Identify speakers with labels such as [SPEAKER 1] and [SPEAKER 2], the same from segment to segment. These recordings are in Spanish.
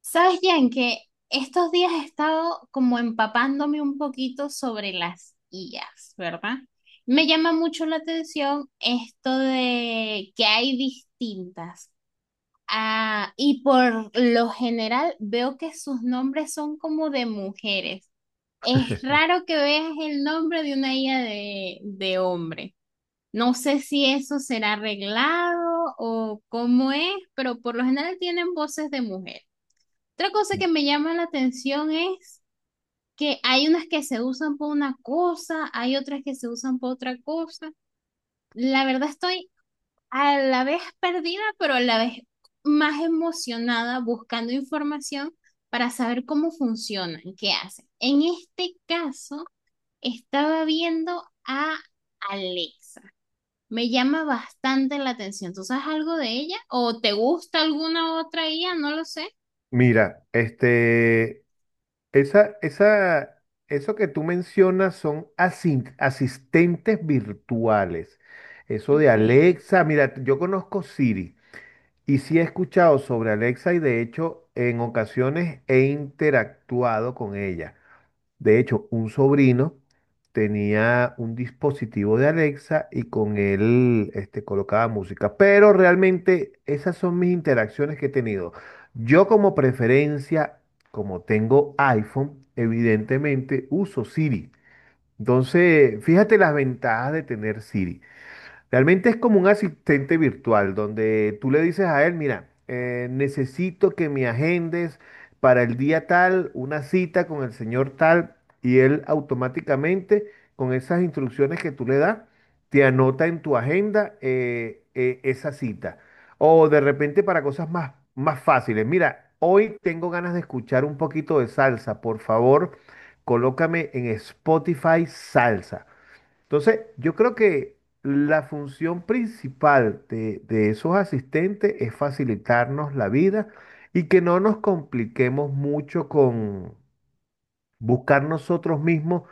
[SPEAKER 1] ¿Sabes, Jan, que estos días he estado como empapándome un poquito sobre las IAs, verdad? Me llama mucho la atención esto de que hay distintas. Ah, y por lo general veo que sus nombres son como de mujeres. Es raro que veas el nombre de una IA de hombre. No sé si eso será arreglado o cómo es, pero por lo general tienen voces de mujeres. Otra cosa que me llama la atención es que hay unas que se usan por una cosa, hay otras que se usan por otra cosa. La verdad estoy a la vez perdida, pero a la vez más emocionada buscando información para saber cómo funcionan, qué hacen. En este caso, estaba viendo a Alexa. Me llama bastante la atención. ¿Tú sabes algo de ella? ¿O te gusta alguna otra IA? No lo sé.
[SPEAKER 2] Mira, este, esa, esa, eso que tú mencionas son asistentes virtuales. Eso de
[SPEAKER 1] Ok.
[SPEAKER 2] Alexa, mira, yo conozco Siri y sí he escuchado sobre Alexa, y de hecho en ocasiones he interactuado con ella. De hecho, un sobrino tenía un dispositivo de Alexa y con él este, colocaba música. Pero realmente esas son mis interacciones que he tenido. Yo como preferencia, como tengo iPhone, evidentemente uso Siri. Entonces, fíjate las ventajas de tener Siri. Realmente es como un asistente virtual donde tú le dices a él, mira, necesito que me agendes para el día tal una cita con el señor tal, y él automáticamente con esas instrucciones que tú le das te anota en tu agenda esa cita. O de repente para cosas más fáciles, mira, hoy tengo ganas de escuchar un poquito de salsa, por favor, colócame en Spotify salsa. Entonces, yo creo que la función principal de esos asistentes es facilitarnos la vida y que no nos compliquemos mucho con buscar nosotros mismos,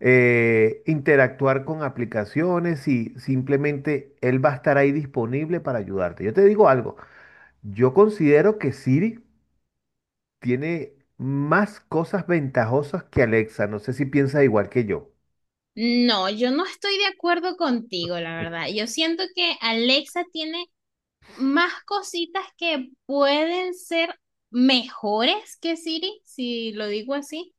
[SPEAKER 2] interactuar con aplicaciones, y simplemente él va a estar ahí disponible para ayudarte. Yo te digo algo, yo considero que Siri tiene más cosas ventajosas que Alexa. No sé si piensas igual que yo.
[SPEAKER 1] No, yo no estoy de acuerdo contigo, la
[SPEAKER 2] Eh,
[SPEAKER 1] verdad. Yo siento que Alexa tiene más cositas que pueden ser mejores que Siri, si lo digo así,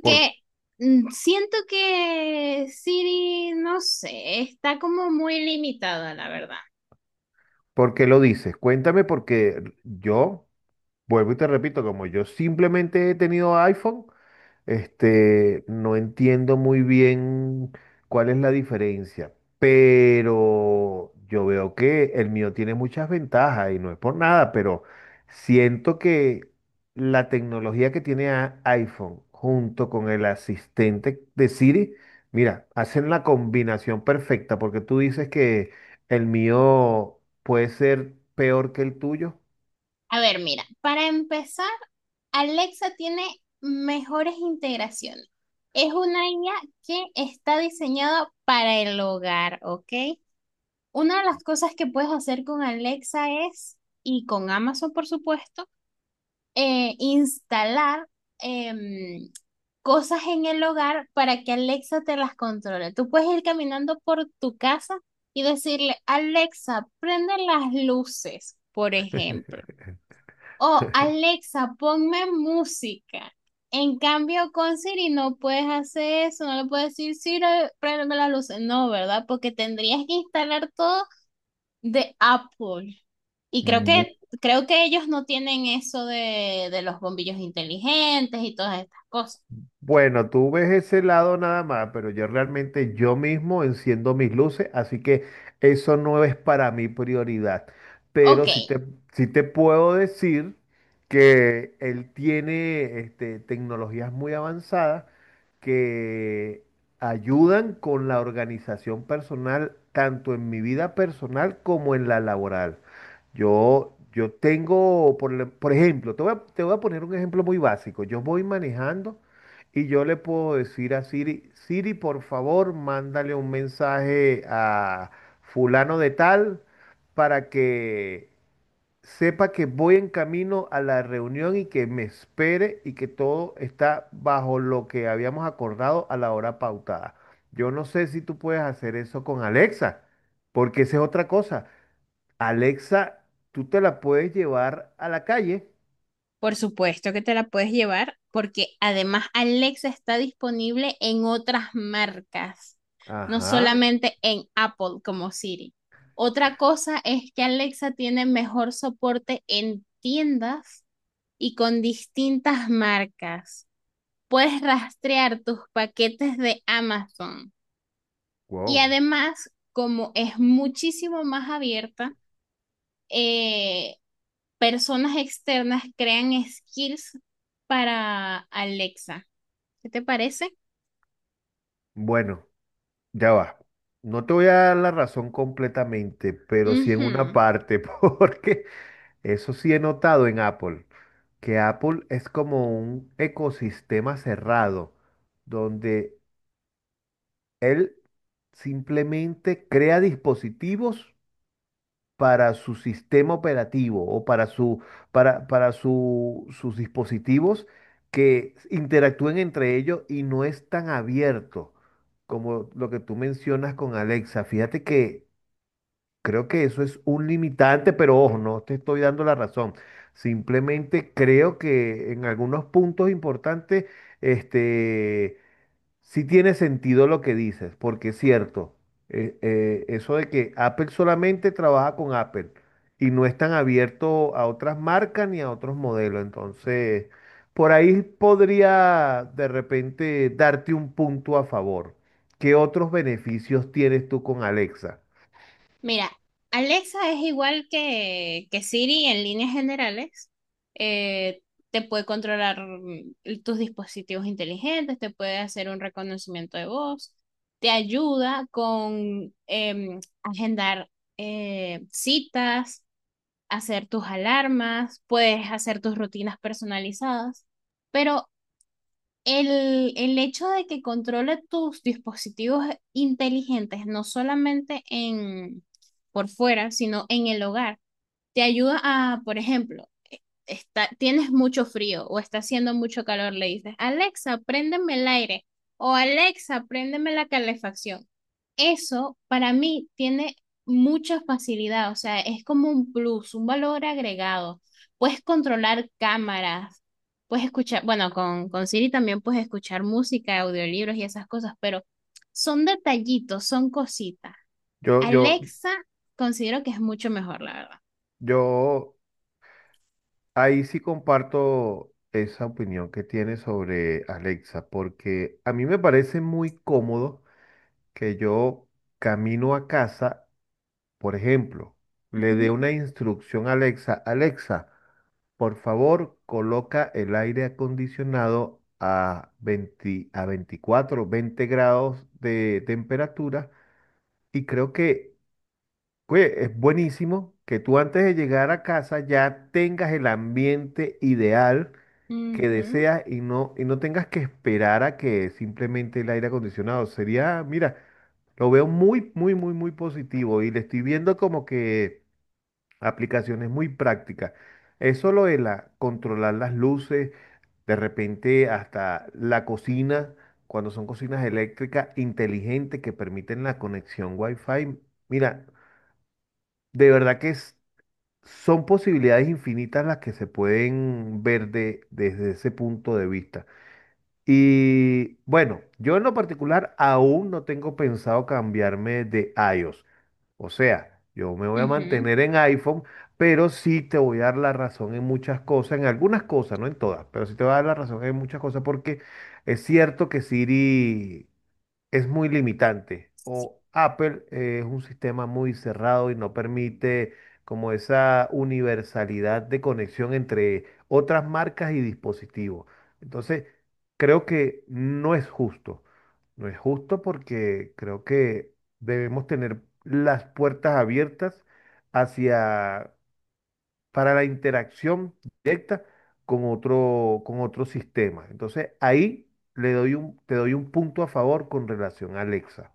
[SPEAKER 2] Por-
[SPEAKER 1] siento que Siri, no sé, está como muy limitada, la verdad.
[SPEAKER 2] ¿Por qué lo dices? Cuéntame porque yo, vuelvo y te repito, como yo simplemente he tenido iPhone, este, no entiendo muy bien cuál es la diferencia, pero yo veo que el mío tiene muchas ventajas y no es por nada, pero siento que la tecnología que tiene iPhone junto con el asistente de Siri, mira, hacen la combinación perfecta, porque tú dices que el mío puede ser peor que el tuyo.
[SPEAKER 1] A ver, mira, para empezar, Alexa tiene mejores integraciones. Es una IA que está diseñada para el hogar, ¿ok? Una de las cosas que puedes hacer con Alexa es, y con Amazon por supuesto, instalar em, cosas en el hogar para que Alexa te las controle. Tú puedes ir caminando por tu casa y decirle, Alexa, prende las luces, por ejemplo. O Alexa, ponme música. En cambio, con Siri no puedes hacer eso, no le puedes decir, Siri, prende las luces. No, ¿verdad? Porque tendrías que instalar todo de Apple. Y creo que ellos no tienen eso de los bombillos inteligentes y todas estas cosas.
[SPEAKER 2] Bueno, tú ves ese lado nada más, pero yo realmente yo mismo enciendo mis luces, así que eso no es para mí prioridad. Pero
[SPEAKER 1] Ok,
[SPEAKER 2] sí te, sí te puedo decir que él tiene este, tecnologías muy avanzadas que ayudan con la organización personal, tanto en mi vida personal como en la laboral. Yo tengo, por ejemplo, te voy a poner un ejemplo muy básico. Yo voy manejando. Y yo le puedo decir a Siri, Siri, por favor, mándale un mensaje a fulano de tal para que sepa que voy en camino a la reunión y que me espere, y que todo está bajo lo que habíamos acordado a la hora pautada. Yo no sé si tú puedes hacer eso con Alexa, porque esa es otra cosa. Alexa, tú te la puedes llevar a la calle.
[SPEAKER 1] por supuesto que te la puedes llevar porque además Alexa está disponible en otras marcas, no
[SPEAKER 2] Ajá,
[SPEAKER 1] solamente en Apple como Siri. Otra cosa es que Alexa tiene mejor soporte en tiendas y con distintas marcas. Puedes rastrear tus paquetes de Amazon. Y
[SPEAKER 2] wow.
[SPEAKER 1] además, como es muchísimo más abierta, eh, personas externas crean skills para Alexa. ¿Qué te parece?
[SPEAKER 2] Bueno. Ya va. No te voy a dar la razón completamente, pero sí en una
[SPEAKER 1] Ujú.
[SPEAKER 2] parte, porque eso sí he notado en Apple, que Apple es como un ecosistema cerrado, donde él simplemente crea dispositivos para su sistema operativo o para su, para sus dispositivos, que interactúen entre ellos, y no es tan abierto como lo que tú mencionas con Alexa. Fíjate que creo que eso es un limitante, pero ojo, no te estoy dando la razón. Simplemente creo que en algunos puntos importantes, este, sí tiene sentido lo que dices, porque es cierto, eso de que Apple solamente trabaja con Apple y no es tan abierto a otras marcas ni a otros modelos. Entonces, por ahí podría de repente darte un punto a favor. ¿Qué otros beneficios tienes tú con Alexa?
[SPEAKER 1] Mira, Alexa es igual que Siri en líneas generales. Eh, Te puede controlar tus dispositivos inteligentes, te puede hacer un reconocimiento de voz, te ayuda con agendar citas, hacer tus alarmas, puedes hacer tus rutinas personalizadas, pero el hecho de que controle tus dispositivos inteligentes, no solamente en, por fuera, sino en el hogar, te ayuda a, por ejemplo, e, está, tienes mucho frío o está haciendo mucho calor, le dices, Alexa, préndeme el aire o Alexa, préndeme la calefacción. Eso para mí tiene mucha facilidad, o sea, es como un plus, un valor agregado. Puedes controlar cámaras, puedes escuchar, bueno, con Siri también puedes escuchar música, audiolibros y esas cosas, pero son detallitos, son cositas.
[SPEAKER 2] Yo, yo,
[SPEAKER 1] Alexa considero que es mucho mejor, la verdad.
[SPEAKER 2] Yo ahí sí comparto esa opinión que tiene sobre Alexa, porque a mí me parece muy cómodo que yo, camino a casa, por ejemplo, le dé
[SPEAKER 1] Ujú.
[SPEAKER 2] una instrucción a Alexa. Alexa, por favor, coloca el aire acondicionado a 20, a 24, 20 grados de temperatura, y creo que, oye, es buenísimo que tú antes de llegar a casa ya tengas el ambiente ideal que
[SPEAKER 1] Ujú,
[SPEAKER 2] deseas, y no tengas que esperar a que simplemente el aire acondicionado. Sería, mira, lo veo muy positivo y le estoy viendo como que aplicaciones muy prácticas. Eso lo de la, controlar las luces, de repente hasta la cocina, cuando son cocinas eléctricas inteligentes que permiten la conexión Wi-Fi. Mira, de verdad que son posibilidades infinitas las que se pueden ver desde ese punto de vista. Y bueno, yo en lo particular aún no tengo pensado cambiarme de iOS. O sea, yo me voy a
[SPEAKER 1] ujú.
[SPEAKER 2] mantener en iPhone, pero sí te voy a dar la razón en muchas cosas, en algunas cosas, no en todas, pero sí te voy a dar la razón en muchas cosas, porque es cierto que Siri es muy limitante. O Apple es un sistema muy cerrado y no permite como esa universalidad de conexión entre otras marcas y dispositivos. Entonces, creo que no es justo. No es justo porque creo que debemos tener las puertas abiertas hacia, para la interacción directa con otro sistema. Entonces, ahí te doy un punto a favor con relación a Alexa.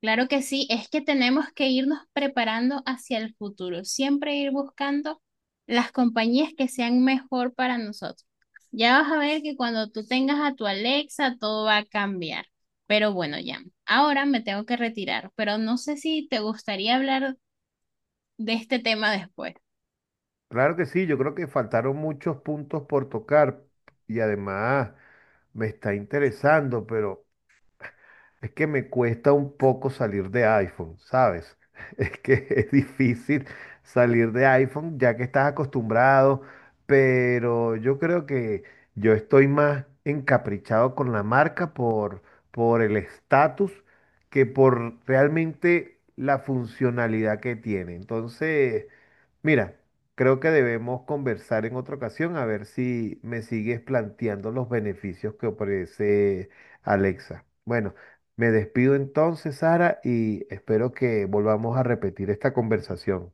[SPEAKER 1] Claro que sí, es que tenemos que irnos preparando hacia el futuro, siempre ir buscando las compañías que sean mejor para nosotros. Ya vas a ver que cuando tú tengas a tu Alexa, todo va a cambiar. Pero bueno, ya, ahora me tengo que retirar, pero no sé si te gustaría hablar de este tema después.
[SPEAKER 2] Claro que sí, yo creo que faltaron muchos puntos por tocar, y además me está interesando, pero... Es que me cuesta un poco salir de iPhone, ¿sabes? Es que es difícil salir de iPhone ya que estás acostumbrado, pero yo creo que yo estoy más encaprichado con la marca por el estatus, que por realmente la funcionalidad que tiene. Entonces, mira, creo que debemos conversar en otra ocasión a ver si me sigues planteando los beneficios que ofrece Alexa. Bueno. Me despido entonces, Sara, y espero que volvamos a repetir esta conversación.